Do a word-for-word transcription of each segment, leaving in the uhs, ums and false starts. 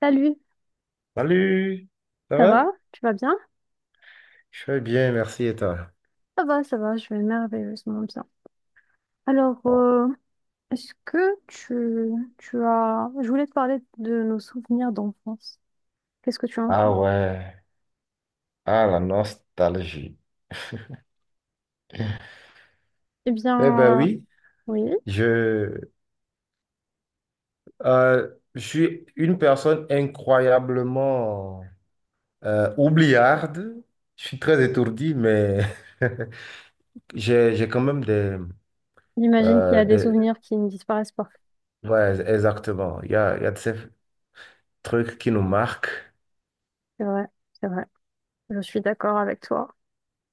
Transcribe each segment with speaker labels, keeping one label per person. Speaker 1: Salut,
Speaker 2: Salut, ça
Speaker 1: ça
Speaker 2: va?
Speaker 1: va? Tu vas bien?
Speaker 2: Je vais bien, merci et toi?
Speaker 1: Ça va, ça va, je vais merveilleusement bien. Alors, euh, est-ce que tu, tu as... Je voulais te parler de nos souvenirs d'enfance. Qu'est-ce que tu en
Speaker 2: Ah
Speaker 1: penses?
Speaker 2: ouais, ah la nostalgie.
Speaker 1: Eh
Speaker 2: Eh ben
Speaker 1: bien, euh,
Speaker 2: oui,
Speaker 1: oui,
Speaker 2: je, euh, je suis une personne incroyablement euh, oubliarde. Je suis très étourdi, mais j'ai, j'ai quand même des,
Speaker 1: j'imagine qu'il y
Speaker 2: euh,
Speaker 1: a des
Speaker 2: des...
Speaker 1: souvenirs qui ne disparaissent pas.
Speaker 2: Ouais, exactement. Il y a, il y a de ces trucs qui nous marquent.
Speaker 1: C'est vrai, c'est vrai. Je suis d'accord avec toi.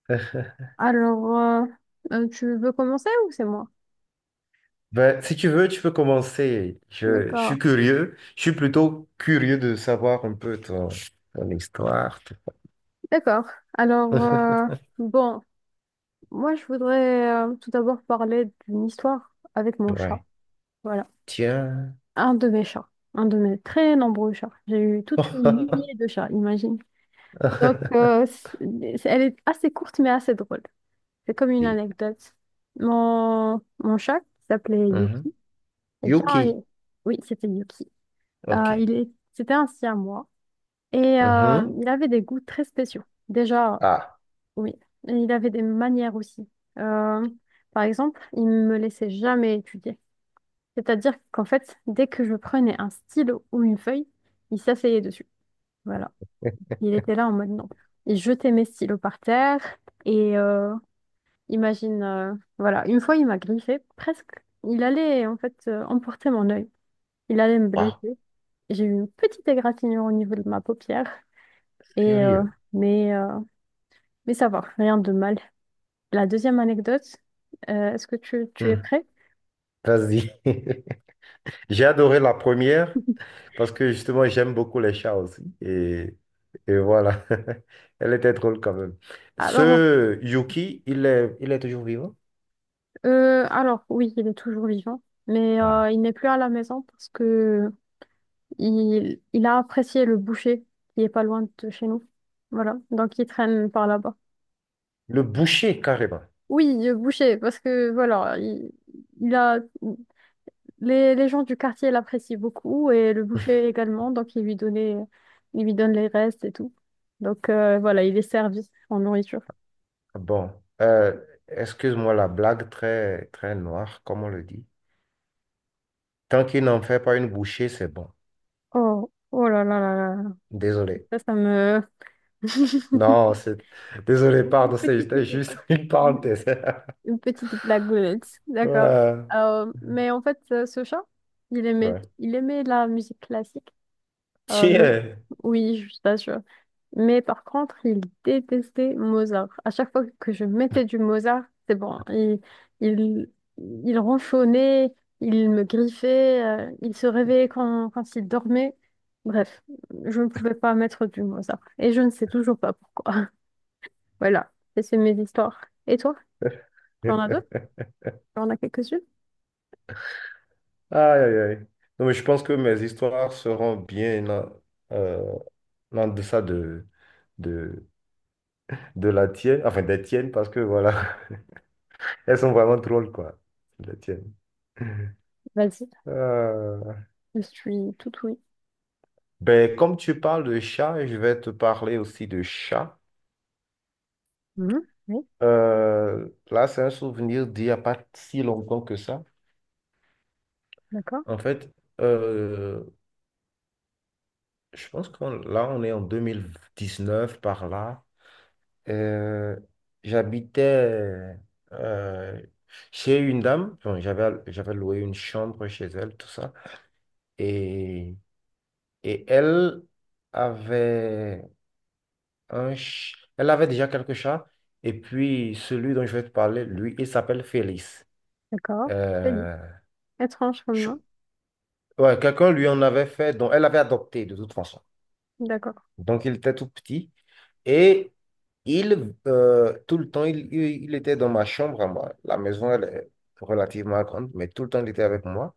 Speaker 1: Alors, euh, euh, tu veux commencer ou c'est moi?
Speaker 2: Ben, si tu veux, tu peux commencer. Je, je
Speaker 1: D'accord.
Speaker 2: suis curieux. Je suis plutôt curieux de savoir un peu ton, ton histoire.
Speaker 1: D'accord. Alors, euh, bon, moi, je voudrais euh, tout d'abord parler d'une histoire avec mon chat.
Speaker 2: Ouais.
Speaker 1: Voilà.
Speaker 2: Tiens.
Speaker 1: Un de mes chats, un de mes très nombreux chats. J'ai eu toute une lignée de chats, imagine. Donc, euh, c'est- c'est- elle est assez courte mais assez drôle. C'est comme une
Speaker 2: Et-
Speaker 1: anecdote. Mon, mon chat, qui s'appelait
Speaker 2: Mhm.
Speaker 1: Yuki, eh bien,
Speaker 2: Yuki.
Speaker 1: il- oui, c'était Yuki. Euh,
Speaker 2: OK.
Speaker 1: il est, c'était un siamois et euh,
Speaker 2: Mhm.
Speaker 1: il avait des goûts très spéciaux. Déjà,
Speaker 2: Ah,
Speaker 1: oui, et il avait des manières aussi. Euh, par exemple, il ne me laissait jamais étudier. C'est-à-dire qu'en fait, dès que je prenais un stylo ou une feuille, il s'asseyait dessus. Voilà. Il était là en mode non. Il jetait mes stylos par terre et euh, imagine, euh, voilà, une fois il m'a griffé, presque. Il allait en fait euh, emporter mon œil. Il allait me
Speaker 2: wow,
Speaker 1: blesser. J'ai eu une petite égratignure au niveau de ma paupière. Et euh,
Speaker 2: sérieux.
Speaker 1: mais, euh, mais ça va, rien de mal. La deuxième anecdote, euh, est-ce que tu, tu es
Speaker 2: Hmm.
Speaker 1: prêt?
Speaker 2: Vas-y. J'ai adoré la première parce que justement, j'aime beaucoup les chats aussi. Et, et voilà. Elle était drôle quand même.
Speaker 1: Alors,
Speaker 2: Ce Yuki, il est, il est toujours vivant?
Speaker 1: Euh, alors oui, il est toujours vivant, mais
Speaker 2: Ah.
Speaker 1: euh, il n'est plus à la maison parce que il, il a apprécié le boucher qui est pas loin de chez nous. Voilà, donc il traîne par là-bas.
Speaker 2: Le boucher, carrément.
Speaker 1: Oui, le boucher, parce que voilà, il, il a les, les gens du quartier l'apprécient beaucoup et le boucher également, donc il lui donnait, il lui donne les restes et tout. Donc euh, voilà, il est servi en nourriture.
Speaker 2: Bon, euh, excuse-moi la blague très, très noire, comme on le dit. Tant qu'il n'en fait pas une bouchée, c'est bon.
Speaker 1: Oh, oh là là là là,
Speaker 2: Désolé.
Speaker 1: ça, ça me.
Speaker 2: Non, c'est... Désolé,
Speaker 1: Une
Speaker 2: pardon, c'est-
Speaker 1: petite-
Speaker 2: c'était juste une parenthèse.
Speaker 1: Une petite blagounette, d'accord.
Speaker 2: Ouais,
Speaker 1: Euh, mais en fait, euh, ce chat, il aimait,
Speaker 2: ouais.
Speaker 1: il aimait la musique classique. Euh, je-
Speaker 2: Tiens.
Speaker 1: Oui, je t'assure. Mais par contre, il détestait Mozart. À chaque fois que je mettais du Mozart, c'est bon. Il, il, il ronchonnait, il me griffait, euh, il se réveillait quand, quand il dormait. Bref, je ne pouvais pas mettre du Mozart. Et je ne sais toujours pas pourquoi. Voilà. Et c'est mes histoires. Et toi, tu en as d'autres? On a quelques-unes?
Speaker 2: Aïe, aïe, aïe. Non, mais je pense que mes histoires seront bien en, euh, en deçà de, de, de la tienne, enfin des tiennes, parce que voilà, elles sont vraiment drôles, quoi, les tiennes.
Speaker 1: Vas-y,
Speaker 2: Euh,
Speaker 1: je suis tout oui.
Speaker 2: Ben, comme tu parles de chat, je vais te parler aussi de chat.
Speaker 1: Mhm. Oui,
Speaker 2: Euh, là, c'est un souvenir d'il n'y a pas si longtemps que ça.
Speaker 1: d'accord,
Speaker 2: En fait, euh, je pense qu'on là, on est en deux mille dix-neuf par là. Euh, j'habitais euh, chez une dame. Bon, j'avais, j'avais loué une chambre chez elle, tout ça. Et, et elle avait... un ch- Elle avait déjà quelques chats. Et puis, celui dont je vais te parler, lui, il s'appelle Félix.
Speaker 1: d'accord. Vas-y.
Speaker 2: Euh,
Speaker 1: Étrange comme
Speaker 2: je-
Speaker 1: nom.
Speaker 2: ouais, quelqu'un lui en avait fait, donc elle avait adopté de toute façon.
Speaker 1: D'accord.
Speaker 2: Donc, il était tout petit. Et il, euh, tout le temps, il, il- il était dans ma chambre à moi. La maison, elle est relativement grande, mais tout le temps, il était avec moi.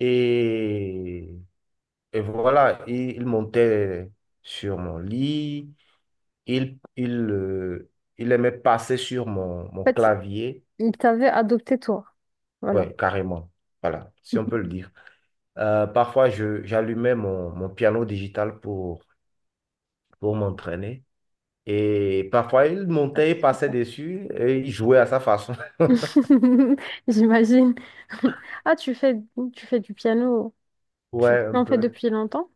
Speaker 2: Et, et voilà, il, il montait sur mon lit. Il, il, euh, il aimait passer sur mon, mon
Speaker 1: En fait,
Speaker 2: clavier.
Speaker 1: il t'avait adopté toi. Voilà.
Speaker 2: Ouais, carrément. Voilà, si on peut le dire. Euh, parfois, je, j'allumais mon, mon piano digital pour, pour m'entraîner. Et parfois, il
Speaker 1: Ah,
Speaker 2: montait,
Speaker 1: ça
Speaker 2: il passait
Speaker 1: se
Speaker 2: dessus et il jouait à sa façon.
Speaker 1: J'imagine. Ah, tu fais, tu fais du piano. Tu
Speaker 2: Ouais,
Speaker 1: tu
Speaker 2: un
Speaker 1: en fais
Speaker 2: peu.
Speaker 1: depuis longtemps?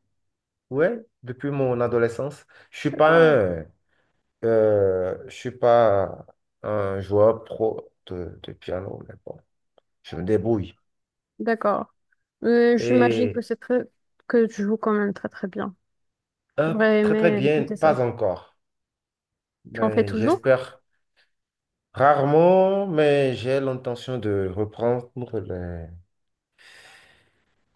Speaker 2: Ouais, depuis mon adolescence. Je suis pas
Speaker 1: D'accord.
Speaker 2: un, euh, je suis pas un joueur pro de, de piano, mais bon, je me débrouille.
Speaker 1: D'accord. Euh, j'imagine que
Speaker 2: Et
Speaker 1: c'est très que tu joues quand même très très bien.
Speaker 2: hop,
Speaker 1: J'aurais
Speaker 2: très très
Speaker 1: aimé
Speaker 2: bien,
Speaker 1: écouter
Speaker 2: pas
Speaker 1: ça.
Speaker 2: encore.
Speaker 1: Tu en fais
Speaker 2: Mais
Speaker 1: toujours?
Speaker 2: j'espère. Rarement, mais j'ai l'intention de reprendre les,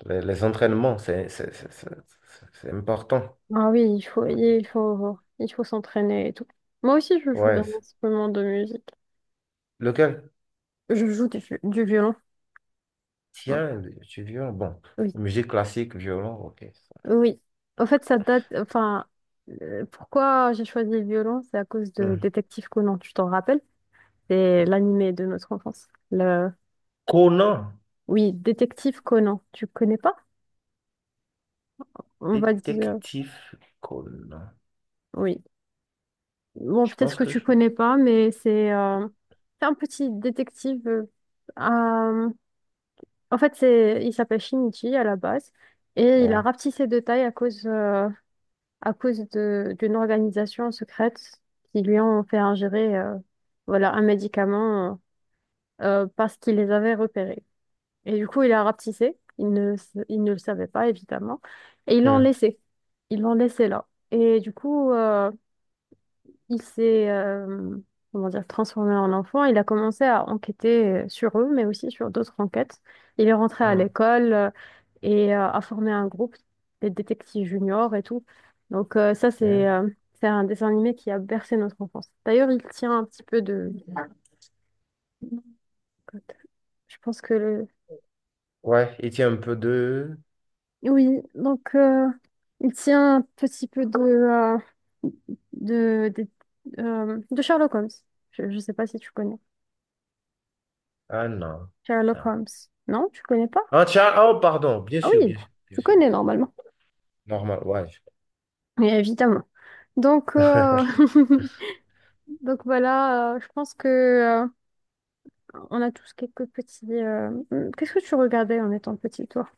Speaker 2: les, les entraînements. C'est c'est- c'est- c'est- c'est- c'est important.
Speaker 1: Ah oui, il faut
Speaker 2: Ouais.
Speaker 1: il faut il faut s'entraîner et tout. Moi aussi je joue
Speaker 2: ouais,
Speaker 1: d'un
Speaker 2: c'est-
Speaker 1: instrument de musique.
Speaker 2: Lequel?
Speaker 1: Je joue du, du violon. Ouais.
Speaker 2: Tiens, tu violon. Bon,
Speaker 1: Oui,
Speaker 2: musique classique, violon, ok. ça.
Speaker 1: oui. En fait, ça date. Enfin, euh, pourquoi j'ai choisi le violon, c'est à cause de
Speaker 2: Hmm.
Speaker 1: Détective Conan. Tu t'en rappelles? C'est l'animé de notre enfance. Le...
Speaker 2: Conan,
Speaker 1: Oui, Détective Conan. Tu connais pas? On va dire.
Speaker 2: détective Conan.
Speaker 1: Oui. Bon,
Speaker 2: Je
Speaker 1: peut-être
Speaker 2: pense
Speaker 1: que
Speaker 2: que
Speaker 1: tu
Speaker 2: je...
Speaker 1: connais pas, mais c'est euh, c'est un petit détective. Euh, euh, en fait, c'est il s'appelle Shinichi à la base et il a
Speaker 2: Ouais.
Speaker 1: rapetissé de taille à cause euh, à cause de d'une organisation secrète qui lui ont fait ingérer euh, voilà un médicament euh, parce qu'il les avait repérés. Et du coup, il a rapetissé. Il ne s- il ne le savait pas évidemment et ils l'ont
Speaker 2: Hmm.
Speaker 1: laissé. Ils l'ont laissé là. Et du coup. Euh, il s'est euh, comment dire, transformé en enfant. Il a commencé à enquêter euh, sur eux, mais aussi sur d'autres enquêtes. Il est rentré à
Speaker 2: Ah,
Speaker 1: l'école euh, et euh, a formé un groupe des détectives juniors et tout. Donc euh, ça, c'est
Speaker 2: bien.
Speaker 1: euh, c'est un dessin animé qui a bercé notre enfance. D'ailleurs, il tient un petit peu de... Je pense que le...
Speaker 2: Ouais, il tient un peu de...
Speaker 1: Oui, donc euh, il tient un petit peu de, euh, de, des- euh, de Sherlock Holmes. Je ne sais pas si tu connais.
Speaker 2: Ah non.
Speaker 1: Sherlock
Speaker 2: non.
Speaker 1: Holmes. Non, tu connais pas?
Speaker 2: Ah tiens, ah, oh pardon, bien
Speaker 1: Ah
Speaker 2: sûr,
Speaker 1: oui,
Speaker 2: bien sûr, bien
Speaker 1: tu
Speaker 2: sûr.
Speaker 1: connais normalement.
Speaker 2: Normal, ouais.
Speaker 1: Mais évidemment. Donc, euh, donc voilà, euh, je pense que euh, on a tous quelques petits. euh, hum, Qu'est-ce que tu regardais en étant petit, toi?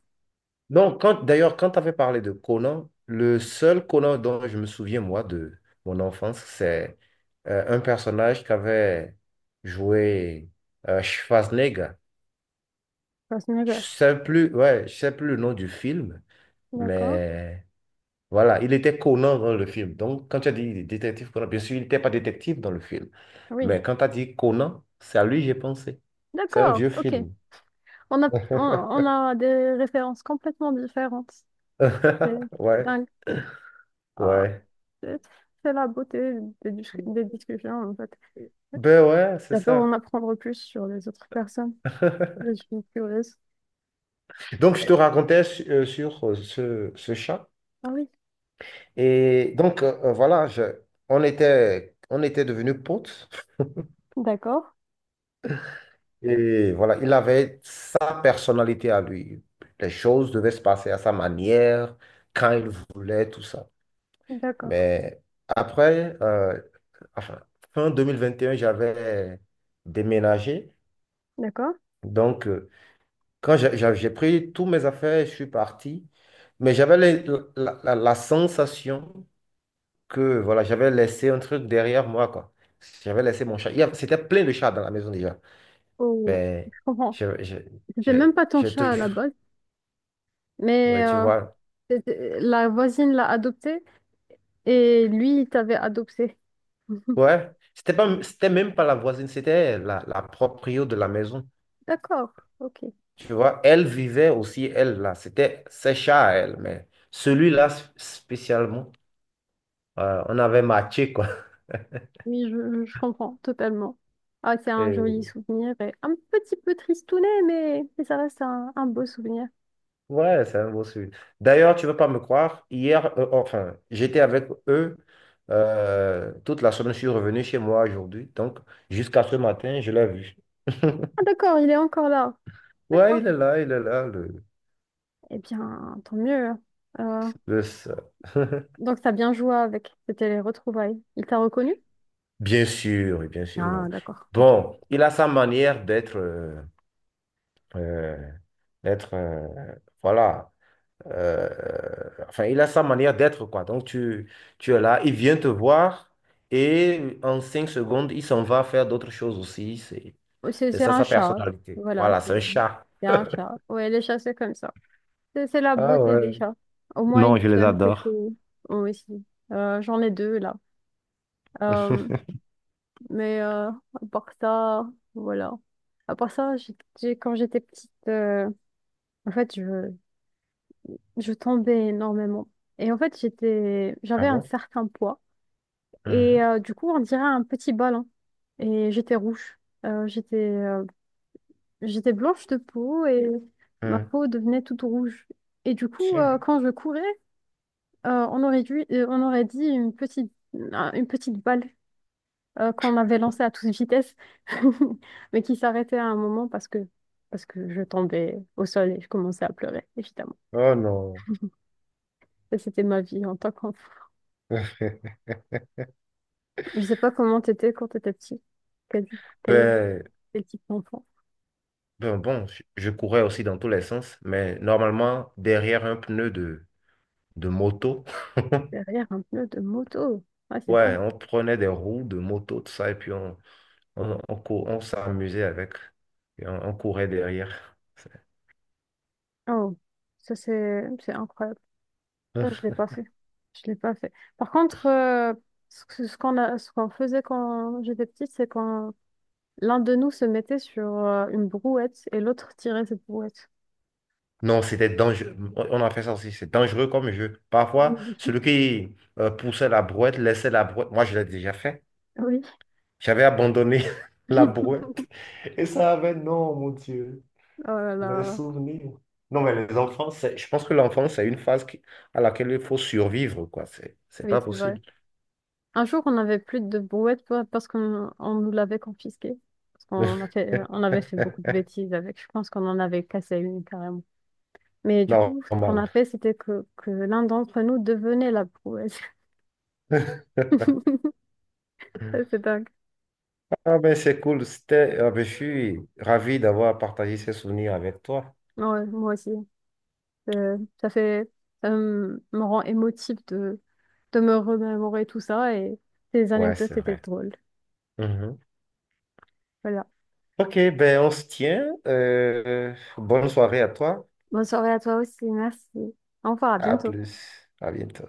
Speaker 2: Non, quand d'ailleurs, quand tu avais parlé de Conan, le seul Conan dont je me souviens, moi, de mon enfance, c'est euh, un personnage qu'avait joué euh, Schwarzenegger. Je
Speaker 1: Schwarzenegger.
Speaker 2: sais plus, ouais, je sais plus le nom du film,
Speaker 1: D'accord.
Speaker 2: mais voilà, il était Conan dans le film. Donc, quand tu as dit détective Conan, bien sûr, il n'était pas détective dans le film,
Speaker 1: Oui.
Speaker 2: mais quand tu as dit Conan, c'est à lui que j'ai pensé. C'est un
Speaker 1: D'accord.
Speaker 2: vieux
Speaker 1: Ok.
Speaker 2: film.
Speaker 1: On a, on, on a des références complètement différentes. C'est c'est
Speaker 2: Ouais,
Speaker 1: dingue. Ah,
Speaker 2: ouais.
Speaker 1: c'est c'est la beauté des, dis- des discussions, en fait.
Speaker 2: Ben ouais, c'est
Speaker 1: J'adore en
Speaker 2: ça.
Speaker 1: apprendre plus sur les autres personnes. Je suis curieuse.
Speaker 2: Donc, je te racontais su- euh, sur euh, ce, ce chat.
Speaker 1: Ah oui.
Speaker 2: Et donc, euh, euh, voilà, je- on était, on était devenus potes.
Speaker 1: D'accord,
Speaker 2: Et voilà, il avait sa personnalité à lui. Les choses devaient se passer à sa manière, quand il voulait, tout ça.
Speaker 1: D'accord,
Speaker 2: Mais après, euh, enfin, fin deux mille vingt et un, j'avais déménagé.
Speaker 1: d'accord.
Speaker 2: Donc, euh, quand j'ai j'ai- j'ai pris tous mes affaires, je suis parti. Mais j'avais les- la, la la sensation que voilà, j'avais laissé un truc derrière moi, quoi. J'avais laissé mon chat. Il y a- C'était plein de chats dans la maison déjà.
Speaker 1: Oh,
Speaker 2: Mais
Speaker 1: je comprends.
Speaker 2: je, je, je,
Speaker 1: C'était même pas ton
Speaker 2: je te
Speaker 1: chat à la
Speaker 2: jure,
Speaker 1: base, mais
Speaker 2: ouais, tu
Speaker 1: euh,
Speaker 2: vois.
Speaker 1: c'était- la voisine l'a adopté et lui, il t'avait adopté.
Speaker 2: Ouais, c'était pas, c'était même pas la voisine, c'était la, la proprio de la maison.
Speaker 1: D'accord, ok.
Speaker 2: Tu vois, elle vivait aussi, elle, là. C'était ses chats, elle. Mais celui-là, sp- spécialement, euh, on avait matché, quoi.
Speaker 1: Oui, je, je comprends totalement. Ah, c'est un joli souvenir et un petit peu tristounet, mais, mais ça reste un, un beau souvenir.
Speaker 2: Ouais, c'est un beau sujet. D'ailleurs, tu ne veux pas me croire, hier, euh, enfin, j'étais avec eux euh, toute la semaine, je suis revenu chez moi aujourd'hui, donc jusqu'à ce matin, je l'ai vu.
Speaker 1: Ah, d'accord, il est encore là.
Speaker 2: Ouais,
Speaker 1: D'accord.
Speaker 2: il est là, il est là, le,
Speaker 1: Eh bien, tant mieux, hein. Euh,
Speaker 2: le seul.
Speaker 1: donc, t'as bien joué avec. C'était les retrouvailles. Il t'a reconnu?
Speaker 2: Bien sûr, oui, bien sûr. Mais
Speaker 1: Ah, d'accord.
Speaker 2: Bon, il a sa manière d'être, euh, euh, d'être, euh, voilà. Euh, enfin, il a sa manière d'être, quoi. Donc, tu, tu es là, il vient te voir et en cinq secondes, il s'en va faire d'autres choses aussi. C'est,
Speaker 1: Ouais, C'est
Speaker 2: c'est
Speaker 1: c'est
Speaker 2: ça
Speaker 1: un
Speaker 2: sa
Speaker 1: chat.
Speaker 2: personnalité.
Speaker 1: Voilà,
Speaker 2: Voilà,
Speaker 1: c'est
Speaker 2: c'est un chat.
Speaker 1: c'est un chat. Ouais, les chats, c'est comme ça. C'est c'est la
Speaker 2: Ah
Speaker 1: beauté des
Speaker 2: ouais.
Speaker 1: chats. Au moins, ils
Speaker 2: Non, je
Speaker 1: nous
Speaker 2: les
Speaker 1: donnent quelques
Speaker 2: adore.
Speaker 1: mots aussi. Euh, j'en ai deux là. Euh, mais euh, à part ça, voilà. À part ça, j'ai- j'ai- quand j'étais petite, euh, en fait, je, je tombais énormément. Et en fait, j'étais,
Speaker 2: Ah
Speaker 1: j'avais un
Speaker 2: bon?
Speaker 1: certain poids. Et
Speaker 2: Mhm,
Speaker 1: euh, du coup, on dirait un petit ballon. Et j'étais rouge. Euh, j'étais euh, j'étais blanche de peau et ma
Speaker 2: mhm.
Speaker 1: peau devenait toute rouge. Et du coup, euh,
Speaker 2: Tiens.
Speaker 1: quand je courais, euh, on aurait dû, euh, on aurait dit une petite, un- une petite balle euh, qu'on avait lancée à toute vitesse, mais qui s'arrêtait à un moment parce que, parce que je tombais au sol et je commençais à pleurer, évidemment.
Speaker 2: Oh non.
Speaker 1: Et c'était ma vie en tant qu'enfant. Je sais pas comment t'étais quand t'étais petit. Quel, quel,
Speaker 2: Ben,
Speaker 1: quel type d'enfant?
Speaker 2: ben bon, je je courais aussi dans tous les sens, mais normalement, derrière un pneu de, de moto,
Speaker 1: Derrière un pneu de moto. Ouais, c'est
Speaker 2: ouais,
Speaker 1: dingue.
Speaker 2: on prenait des roues de moto, tout ça, et puis on, On, on, cou- on s'amusait avec et on, on courait derrière.
Speaker 1: Oh, ça c'est c'est incroyable. Ça, je l'ai pas fait. Je l'ai pas fait. Par contre, euh, ce que- ce qu'on a, ce qu'on faisait quand j'étais petite, c'est quand l'un de nous se mettait sur euh, une brouette et l'autre tirait cette brouette.
Speaker 2: Non, c'était dangereux. On on a fait ça aussi. C'est dangereux comme jeu. Parfois,
Speaker 1: Oui.
Speaker 2: celui qui euh, poussait la brouette laissait la brouette. Moi, je l'ai déjà fait.
Speaker 1: Oui.
Speaker 2: J'avais abandonné la brouette. Et ça avait, non, mon Dieu,
Speaker 1: Oh là
Speaker 2: les
Speaker 1: là.
Speaker 2: souvenirs. Non, mais les enfants, c'est- je pense que l'enfance, c'est une phase qui- à laquelle il faut survivre, quoi. C'est c'est
Speaker 1: Oui,
Speaker 2: pas
Speaker 1: c'est vrai.
Speaker 2: possible.
Speaker 1: Un jour, on n'avait plus de brouette pa- parce qu'on on nous l'avait confisquée. Parce qu'on a fait, on avait fait beaucoup de bêtises avec. Je pense qu'on en avait cassé une carrément. Mais du coup, ce qu'on
Speaker 2: Normal.
Speaker 1: a fait, c'était que, que l'un d'entre nous devenait la brouette. Ça, c'est dingue.
Speaker 2: Ah ben c'est cool, c'était, ah ben, je suis ravi d'avoir partagé ces souvenirs avec toi.
Speaker 1: Ouais, moi aussi. Euh, ça fait, ça me me rend émotive de, de me remémorer tout ça et ces
Speaker 2: Ouais, c'est
Speaker 1: anecdotes étaient
Speaker 2: vrai.
Speaker 1: drôles.
Speaker 2: Mhm.
Speaker 1: Voilà.
Speaker 2: Ok, ben on se tient. Euh, bonne soirée à toi.
Speaker 1: Bonne soirée à toi aussi, merci. Au revoir, à
Speaker 2: À
Speaker 1: bientôt.
Speaker 2: plus. À bientôt.